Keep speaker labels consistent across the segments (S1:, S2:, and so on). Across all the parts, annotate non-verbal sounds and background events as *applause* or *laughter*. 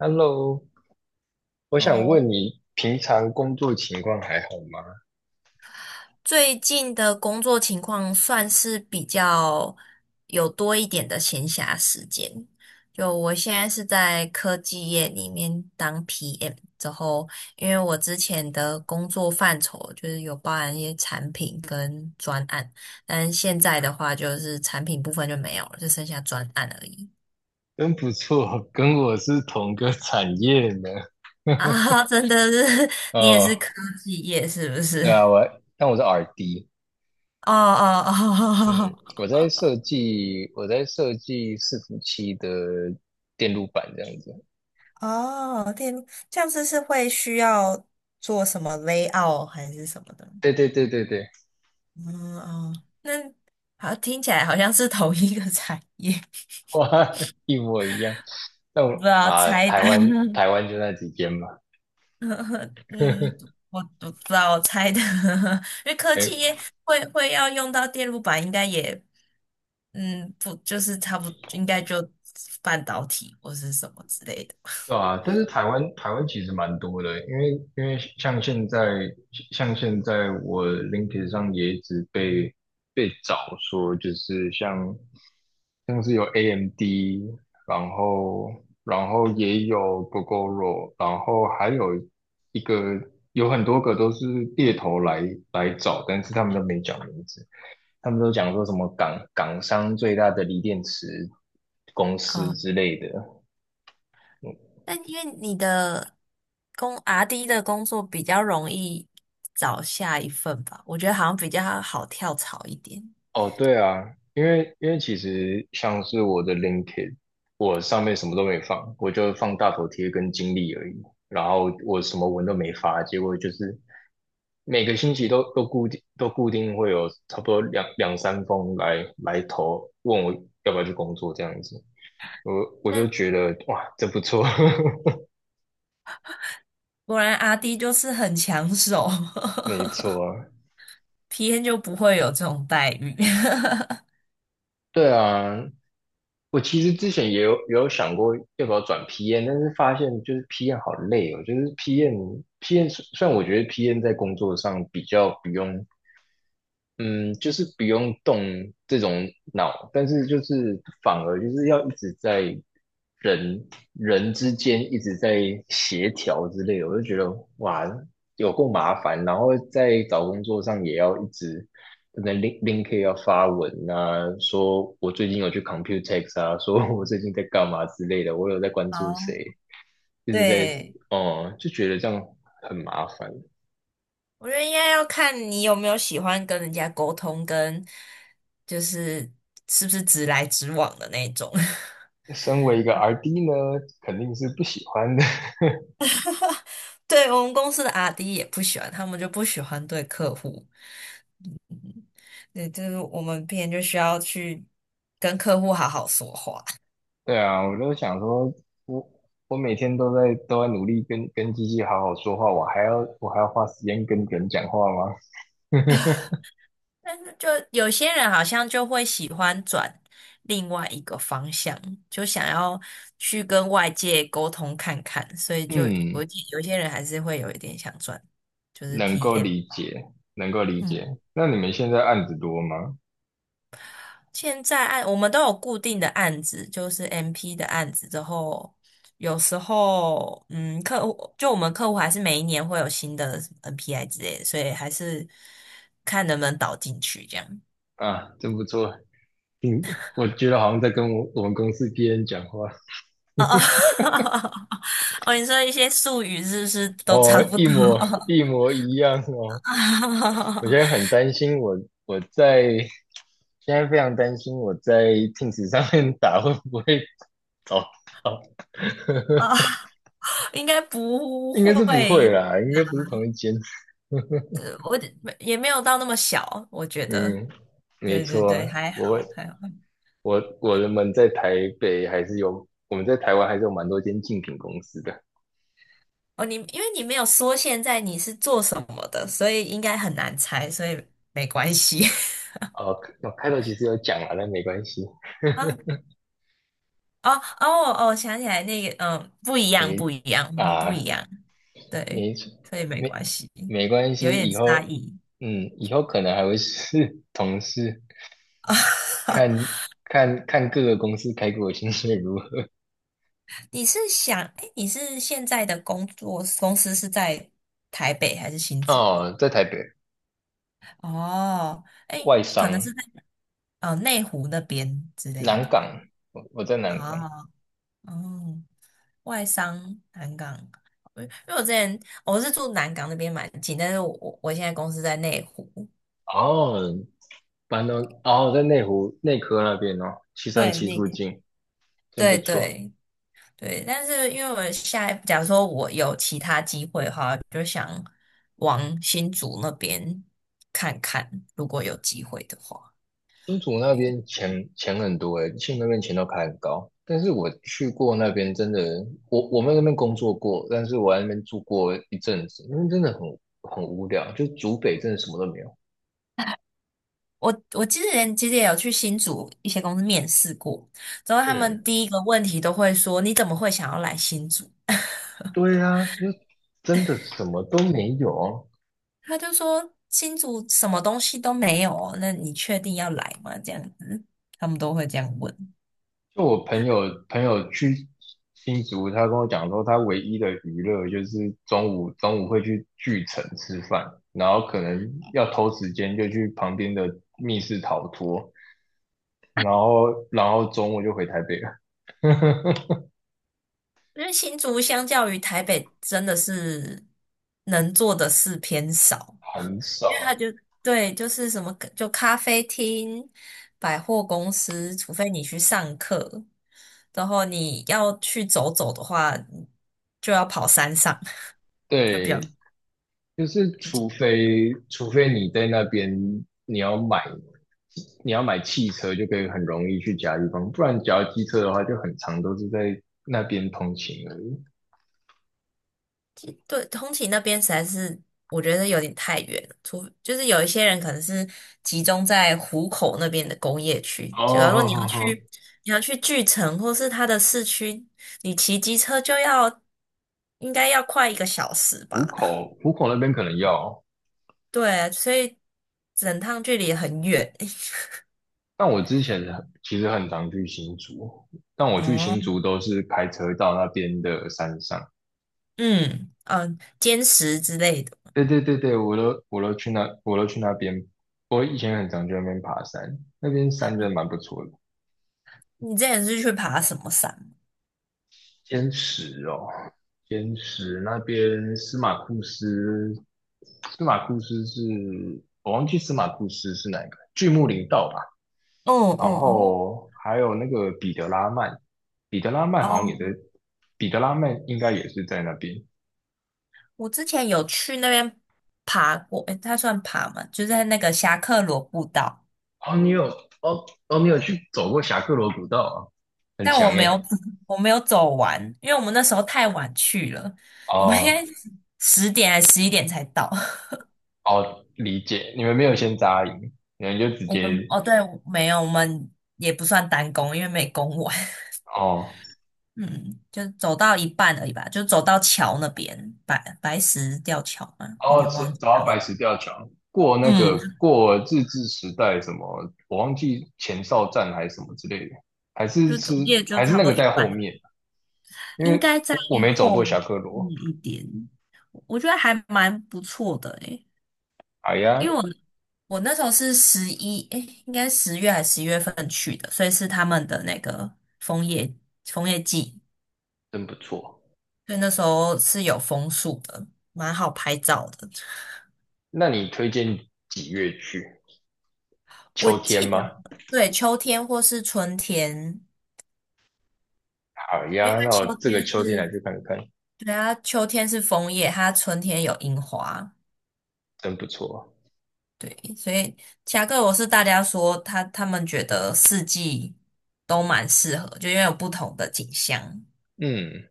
S1: Hello，我想
S2: 哦，
S1: 问你，平常工作情况还好吗？
S2: 最近的工作情况算是比较有多一点的闲暇时间。就我现在是在科技业里面当 PM，之后因为我之前的工作范畴就是有包含一些产品跟专案，但现在的话就是产品部分就没有了，就剩下专案而已。
S1: 真不错，跟我是同个产业呢。*laughs*
S2: 啊，*laughs* 真的是，*laughs* 你也是
S1: 哦，
S2: 科技业是不是？
S1: 对啊，
S2: *laughs*
S1: 但我是 RD，
S2: 哦哦
S1: 嗯，
S2: 哦。*laughs*
S1: 我在设计伺服器的电路板这样子。
S2: 哦，电路这样子是会需要做什么 layout 还是什么的？
S1: 对对对对对，
S2: 嗯哦，那好像听起来好像是同一个产业，
S1: 哇，*laughs* 一模一样。那
S2: *laughs* 不知
S1: 我
S2: 道
S1: 啊，
S2: 猜
S1: 台
S2: 的。
S1: 湾台湾就那几间嘛。
S2: *laughs* 嗯，
S1: *laughs*
S2: 我不知道我猜的，*laughs* 因为科技业会要用到电路板，应该也不就是差不应该就半导体或是什么之类的。
S1: 对啊，但是台湾其实蛮多的，因为像现在我 LinkedIn 上也一直被找说，就是像是有 AMD，然后然后也有 g o g o r 然后还有一个有很多个都是猎头来找，但是他们都没讲名字，他们都讲说什么港商最大的锂电池公司
S2: 啊。
S1: 之类的。
S2: 但因为你的阿 d 的工作比较容易找下一份吧，我觉得好像比较好跳槽一点。
S1: 哦，对啊，因为其实像是我的 LinkedIn，我上面什么都没放，我就放大头贴跟经历而已，然后我什么文都没发，结果就是每个星期都固定会有差不多两三封来投，问我要不要去工作这样子，我我就
S2: 但
S1: 觉得哇，这不错，
S2: 果然阿 D 就是很抢手
S1: *laughs* 没
S2: *laughs*
S1: 错啊，
S2: p N 就不会有这种待遇。*laughs*
S1: 对啊，我其实之前也有想过要不要转 PM，但是发现就是 PM 好累哦，就是 PM 虽然我觉得 PM 在工作上比较不用嗯，就是不用动这种脑，但是就是反而就是要一直在人人之间一直在协调之类的，我就觉得哇，有够麻烦。然后在找工作上也要一直可能 Link 要发文啊，说我最近有去 Computex 啊，说我最近在干嘛之类的，我有在关注
S2: 哦，
S1: 谁，一直在
S2: 对，
S1: 哦、就觉得这样很麻烦。
S2: 我觉得应该要看你有没有喜欢跟人家沟通，跟就是是不是直来直往的那种。*laughs*
S1: 身为一个 RD 呢，肯定是不喜欢 *laughs* 的。
S2: 对，我们公司的阿 d 也不喜欢，他们就不喜欢对客户。对，就是我们别人就需要去跟客户好好说话。*laughs*
S1: 对啊，我就想说，我我每天都在努力跟机器好好说话，我还要花时间跟人讲话吗？
S2: 但是就有些人好像就会喜欢转另外一个方向，就想要去跟外界沟通看看，所以我
S1: 嗯，
S2: 有些人还是会有一点想转，就是
S1: 能够
S2: PM。
S1: 理解，能够理解。
S2: 嗯
S1: 那你们现在案子多吗？
S2: 现在我们都有固定的案子，就是 MP 的案子之后，有时候客户就我们客户还是每一年会有新的 NPI 之类的，所以还是看能不能导进去这样。
S1: 啊，真不错。嗯，我觉得好像在跟我们公司别人讲话。
S2: 哦哦 *laughs* 哦，你说一些术语是不是都
S1: 哦，
S2: 差不多？
S1: 一模一样哦。我现在很
S2: *laughs*
S1: 担心我，我在现在非常担心我在 Teams 上面打会不会倒
S2: 啊，
S1: *laughs*
S2: 应该不
S1: 应该是不会
S2: 会，
S1: 啦，应该不是同一间。*laughs*
S2: 我也没有到那么小，我觉得。
S1: 嗯，没
S2: 对对
S1: 错，
S2: 对，还
S1: 我
S2: 好还好。
S1: 我们在台北还是有，我们在台湾还是有蛮多间竞品公司的。
S2: 哦，因为你没有说现在你是做什么的，所以应该很难猜，所以没关系。*laughs*
S1: 哦，我开头其实有讲啊，但没关系，
S2: 啊，哦哦哦，想起来那个，不一样，
S1: 没
S2: 不一样，我们不一
S1: 啊，
S2: 样，对，
S1: 没
S2: 所以没
S1: 没
S2: 关系，
S1: 没关
S2: 有
S1: 系，
S2: 点
S1: 以
S2: 差
S1: 后
S2: 异。
S1: 嗯，以后可能还会是 *laughs* 同事，看
S2: *laughs*
S1: 看看各个公司开给我薪水如何。*laughs*
S2: 你是想，哎，你是现在的工作公司是在台北还是新竹？
S1: 哦，在台北
S2: 哦，哎，
S1: 外
S2: 可能
S1: 商
S2: 是在内湖那边之类
S1: 南
S2: 的吧。
S1: 港，我在南港。
S2: 哦。哦，外商南港，因为我之前是住南港那边蛮近，但是我现在公司在内湖，
S1: 哦，板东哦，在内湖内科那边哦，七三
S2: 对，
S1: 七
S2: 那
S1: 附
S2: 个，
S1: 近，真不
S2: 对
S1: 错。
S2: 对对，但是因为我下一，假如说我有其他机会的话，就想往新竹那边看看，如果有机会的话。
S1: 新竹那边钱很多诶，新竹那边钱都开很高。但是我去过那边，真的，我们那边工作过，但是我在那边住过一阵子，那边真的很无聊，就竹北真的什么都没有。
S2: 我之前其实也有去新竹一些公司面试过，之后他
S1: 嗯，
S2: 们第一个问题都会说：“你怎么会想要来新竹？” *laughs*
S1: 对啊，就真的什么都没有啊，
S2: 他就说新竹什么东西都没有哦，那你确定要来吗？这样子，他们都会这样问。
S1: 就我朋友去新竹，他跟我讲说，他唯一的娱乐就是中午会去巨城吃饭，然后可能要偷时间就去旁边的密室逃脱，然后中午就回台北了，
S2: 因为新竹相较于台北，真的是能做的事偏少，
S1: 很
S2: 因为
S1: 少。
S2: 他就对，就是什么就咖啡厅、百货公司，除非你去上课，然后你要去走走的话，就要跑山上，就比
S1: 对，
S2: 较
S1: 就是除非你在那边你要买你要买汽车，就可以很容易去其他地方，不然只要机车的话，就很长都是在那边通勤而已。
S2: 对，通勤那边实在是我觉得有点太远了，就是有一些人可能是集中在湖口那边的工业区，假如说
S1: 哦，
S2: 你要去巨城或是它的市区，你骑机车应该要快一个小时
S1: 浦
S2: 吧？
S1: 口，浦口那边可能要，
S2: 对，所以整趟距离很远。*laughs*
S1: 但我之前其实很常去新竹，但我去
S2: 哦，
S1: 新竹都是开车到那边的山上。
S2: 嗯嗯，坚持之类的。
S1: 对对对对，我都去那边，我以前很常去那边爬山，那边山真的蛮不错的。
S2: 你之前是去爬什么山？
S1: 天池哦，天池那边司马库斯，司马库斯是我忘记司马库斯是哪一个，巨木林道吧。
S2: 哦
S1: 然
S2: 哦
S1: 后还有那个彼得拉曼，彼得拉曼好像也在，
S2: 哦
S1: 彼得拉曼应该也是在那边。
S2: 我之前有去那边爬过，诶，它算爬吗？就是在那个侠客罗步道，
S1: 哦，你有去走过侠客罗古道啊？很
S2: 但我
S1: 强
S2: 没有，
S1: 诶。
S2: *laughs* 我没有走完，因为我们那时候太晚去了，我们应
S1: 哦
S2: 该10点还11点才到。*laughs*
S1: 哦，理解，你们没有先扎营，你们就直
S2: 我们
S1: 接
S2: 哦，对，没有，我们也不算单攻，因为没攻完，
S1: 哦
S2: *laughs* 嗯，就走到一半而已吧，就走到桥那边，白石吊桥嘛，有
S1: 哦
S2: 点
S1: 走
S2: 忘
S1: 走
S2: 记
S1: 到白石吊桥，过那
S2: 嗯，
S1: 个过日治时代什么，我忘记前哨站还是什么之类的，还是
S2: 就
S1: 是
S2: 总计也就
S1: 还是
S2: 差不
S1: 那
S2: 多
S1: 个
S2: 一
S1: 在后
S2: 半，
S1: 面，因
S2: 应
S1: 为
S2: 该在
S1: 我没走过
S2: 后
S1: 侠
S2: 面
S1: 客罗。
S2: 一点。我觉得还蛮不错的诶，
S1: 哎呀，
S2: 因为我那时候是十一，诶，应该10月还是11月份去的，所以是他们的那个枫叶季，
S1: 真不错。
S2: 所以那时候是有枫树的，蛮好拍照的。
S1: 那你推荐几月去？
S2: 我
S1: 秋天
S2: 记得，
S1: 吗？
S2: 对，秋天或是春天，
S1: 好
S2: 因为
S1: 呀，那
S2: 它
S1: 我
S2: 秋
S1: 这个
S2: 天
S1: 秋天
S2: 是，
S1: 来去看看，
S2: 对啊，它秋天是枫叶，它春天有樱花，
S1: 真不错。
S2: 对，所以其他各国是大家说他们觉得四季都蛮适合，就因为有不同的景象。
S1: 嗯，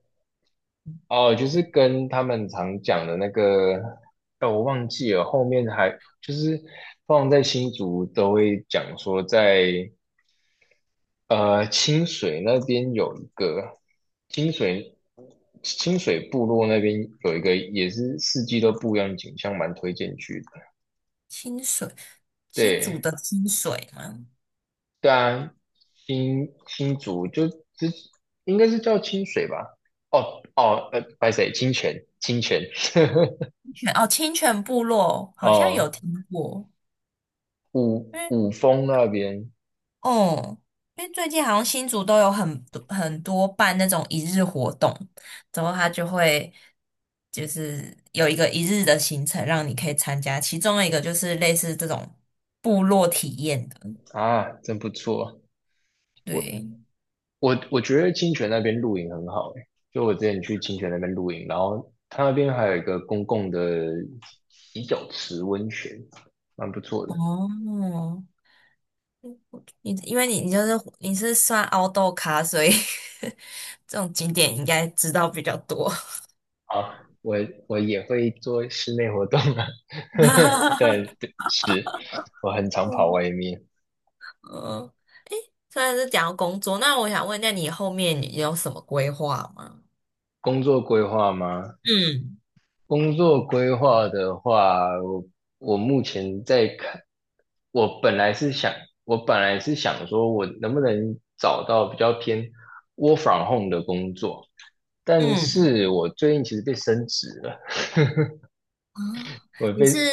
S1: 哦，就是跟他们常讲的那个，哦，我忘记了，后面还就是放在新竹都会讲说在，清水那边有一个清水清水部落那边有一个也是四季都不一样的景象，蛮推荐去的。
S2: 清水，新竹
S1: 对。
S2: 的清水吗？
S1: 对啊，新竹就应该是叫清水吧？哦哦，白水清泉，清泉，
S2: 清泉哦，清泉部落
S1: *laughs*
S2: 好像有
S1: 哦，
S2: 听过，
S1: 五
S2: 因为
S1: 五峰那边
S2: 哦，因为最近好像新竹都有很多很多办那种一日活动，然后他就会就是有一个一日的行程让你可以参加，其中的一个就是类似这种部落体验的，
S1: 啊，真不错。我
S2: 对，
S1: 我觉得清泉那边露营很好诶，就我之前去清泉那边露营，然后它那边还有一个公共的洗脚池温泉，蛮不错的。
S2: 哦。因为你是算凹豆咖，所以 *laughs* 这种景点应该知道比较多。
S1: 啊，我也会做室内活动啊，*laughs* 但
S2: *laughs*
S1: 对是我很常跑
S2: 嗯，
S1: 外面。
S2: 嗯，虽然是讲到工作，那我想问，一下，你后面有什么规划吗？
S1: 工作规划吗？
S2: 嗯
S1: 工作规划的话，我目前在看，我本来是想，我本来是想说，我能不能找到比较偏 work from home 的工作，但
S2: 嗯，
S1: 是我最近其实被升职了，
S2: 啊，
S1: 我
S2: 你是
S1: 被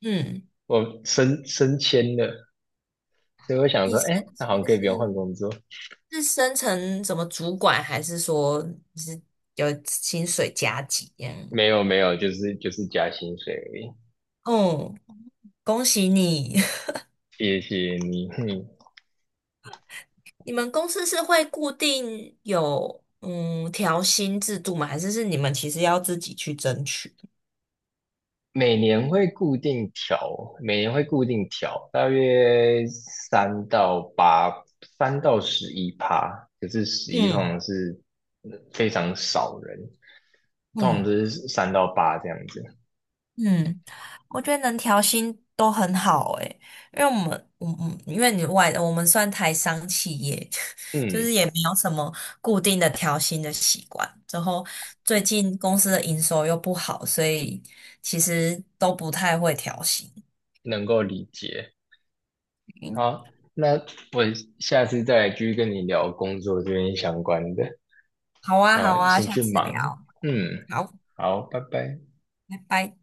S2: 嗯，
S1: 我升迁了，所以我想
S2: 你
S1: 说，
S2: 升
S1: 哎，那好像
S2: 迁
S1: 可以不用换
S2: 是
S1: 工作。
S2: 是升成什么主管，还是说你是有薪水加级这样？
S1: 没有没有，就是加薪水而已。
S2: 哦，恭喜你！
S1: 谢谢你，
S2: 你们公司是会固定有调薪制度吗？还是你们其实要自己去争取？
S1: 每年会固定调，每年会固定调，大约三到八，3到11%。可是十一通
S2: 嗯
S1: 常是非常少人，通常都
S2: 嗯
S1: 是三到八这样子。
S2: 嗯，我觉得能调薪都很好诶，因为我们嗯嗯，因为我们算台商企业，*laughs* 就是
S1: 嗯，
S2: 也没有什么固定的调薪的习惯。之后最近公司的营收又不好，所以其实都不太会调薪。
S1: 能够理解。
S2: 嗯，
S1: 好，那我下次再来继续跟你聊工作这边相关的。
S2: 好啊，好
S1: 啊，
S2: 啊，
S1: 先
S2: 下
S1: 去
S2: 次聊，
S1: 忙。嗯，
S2: 好，
S1: 好，拜拜。
S2: 拜拜。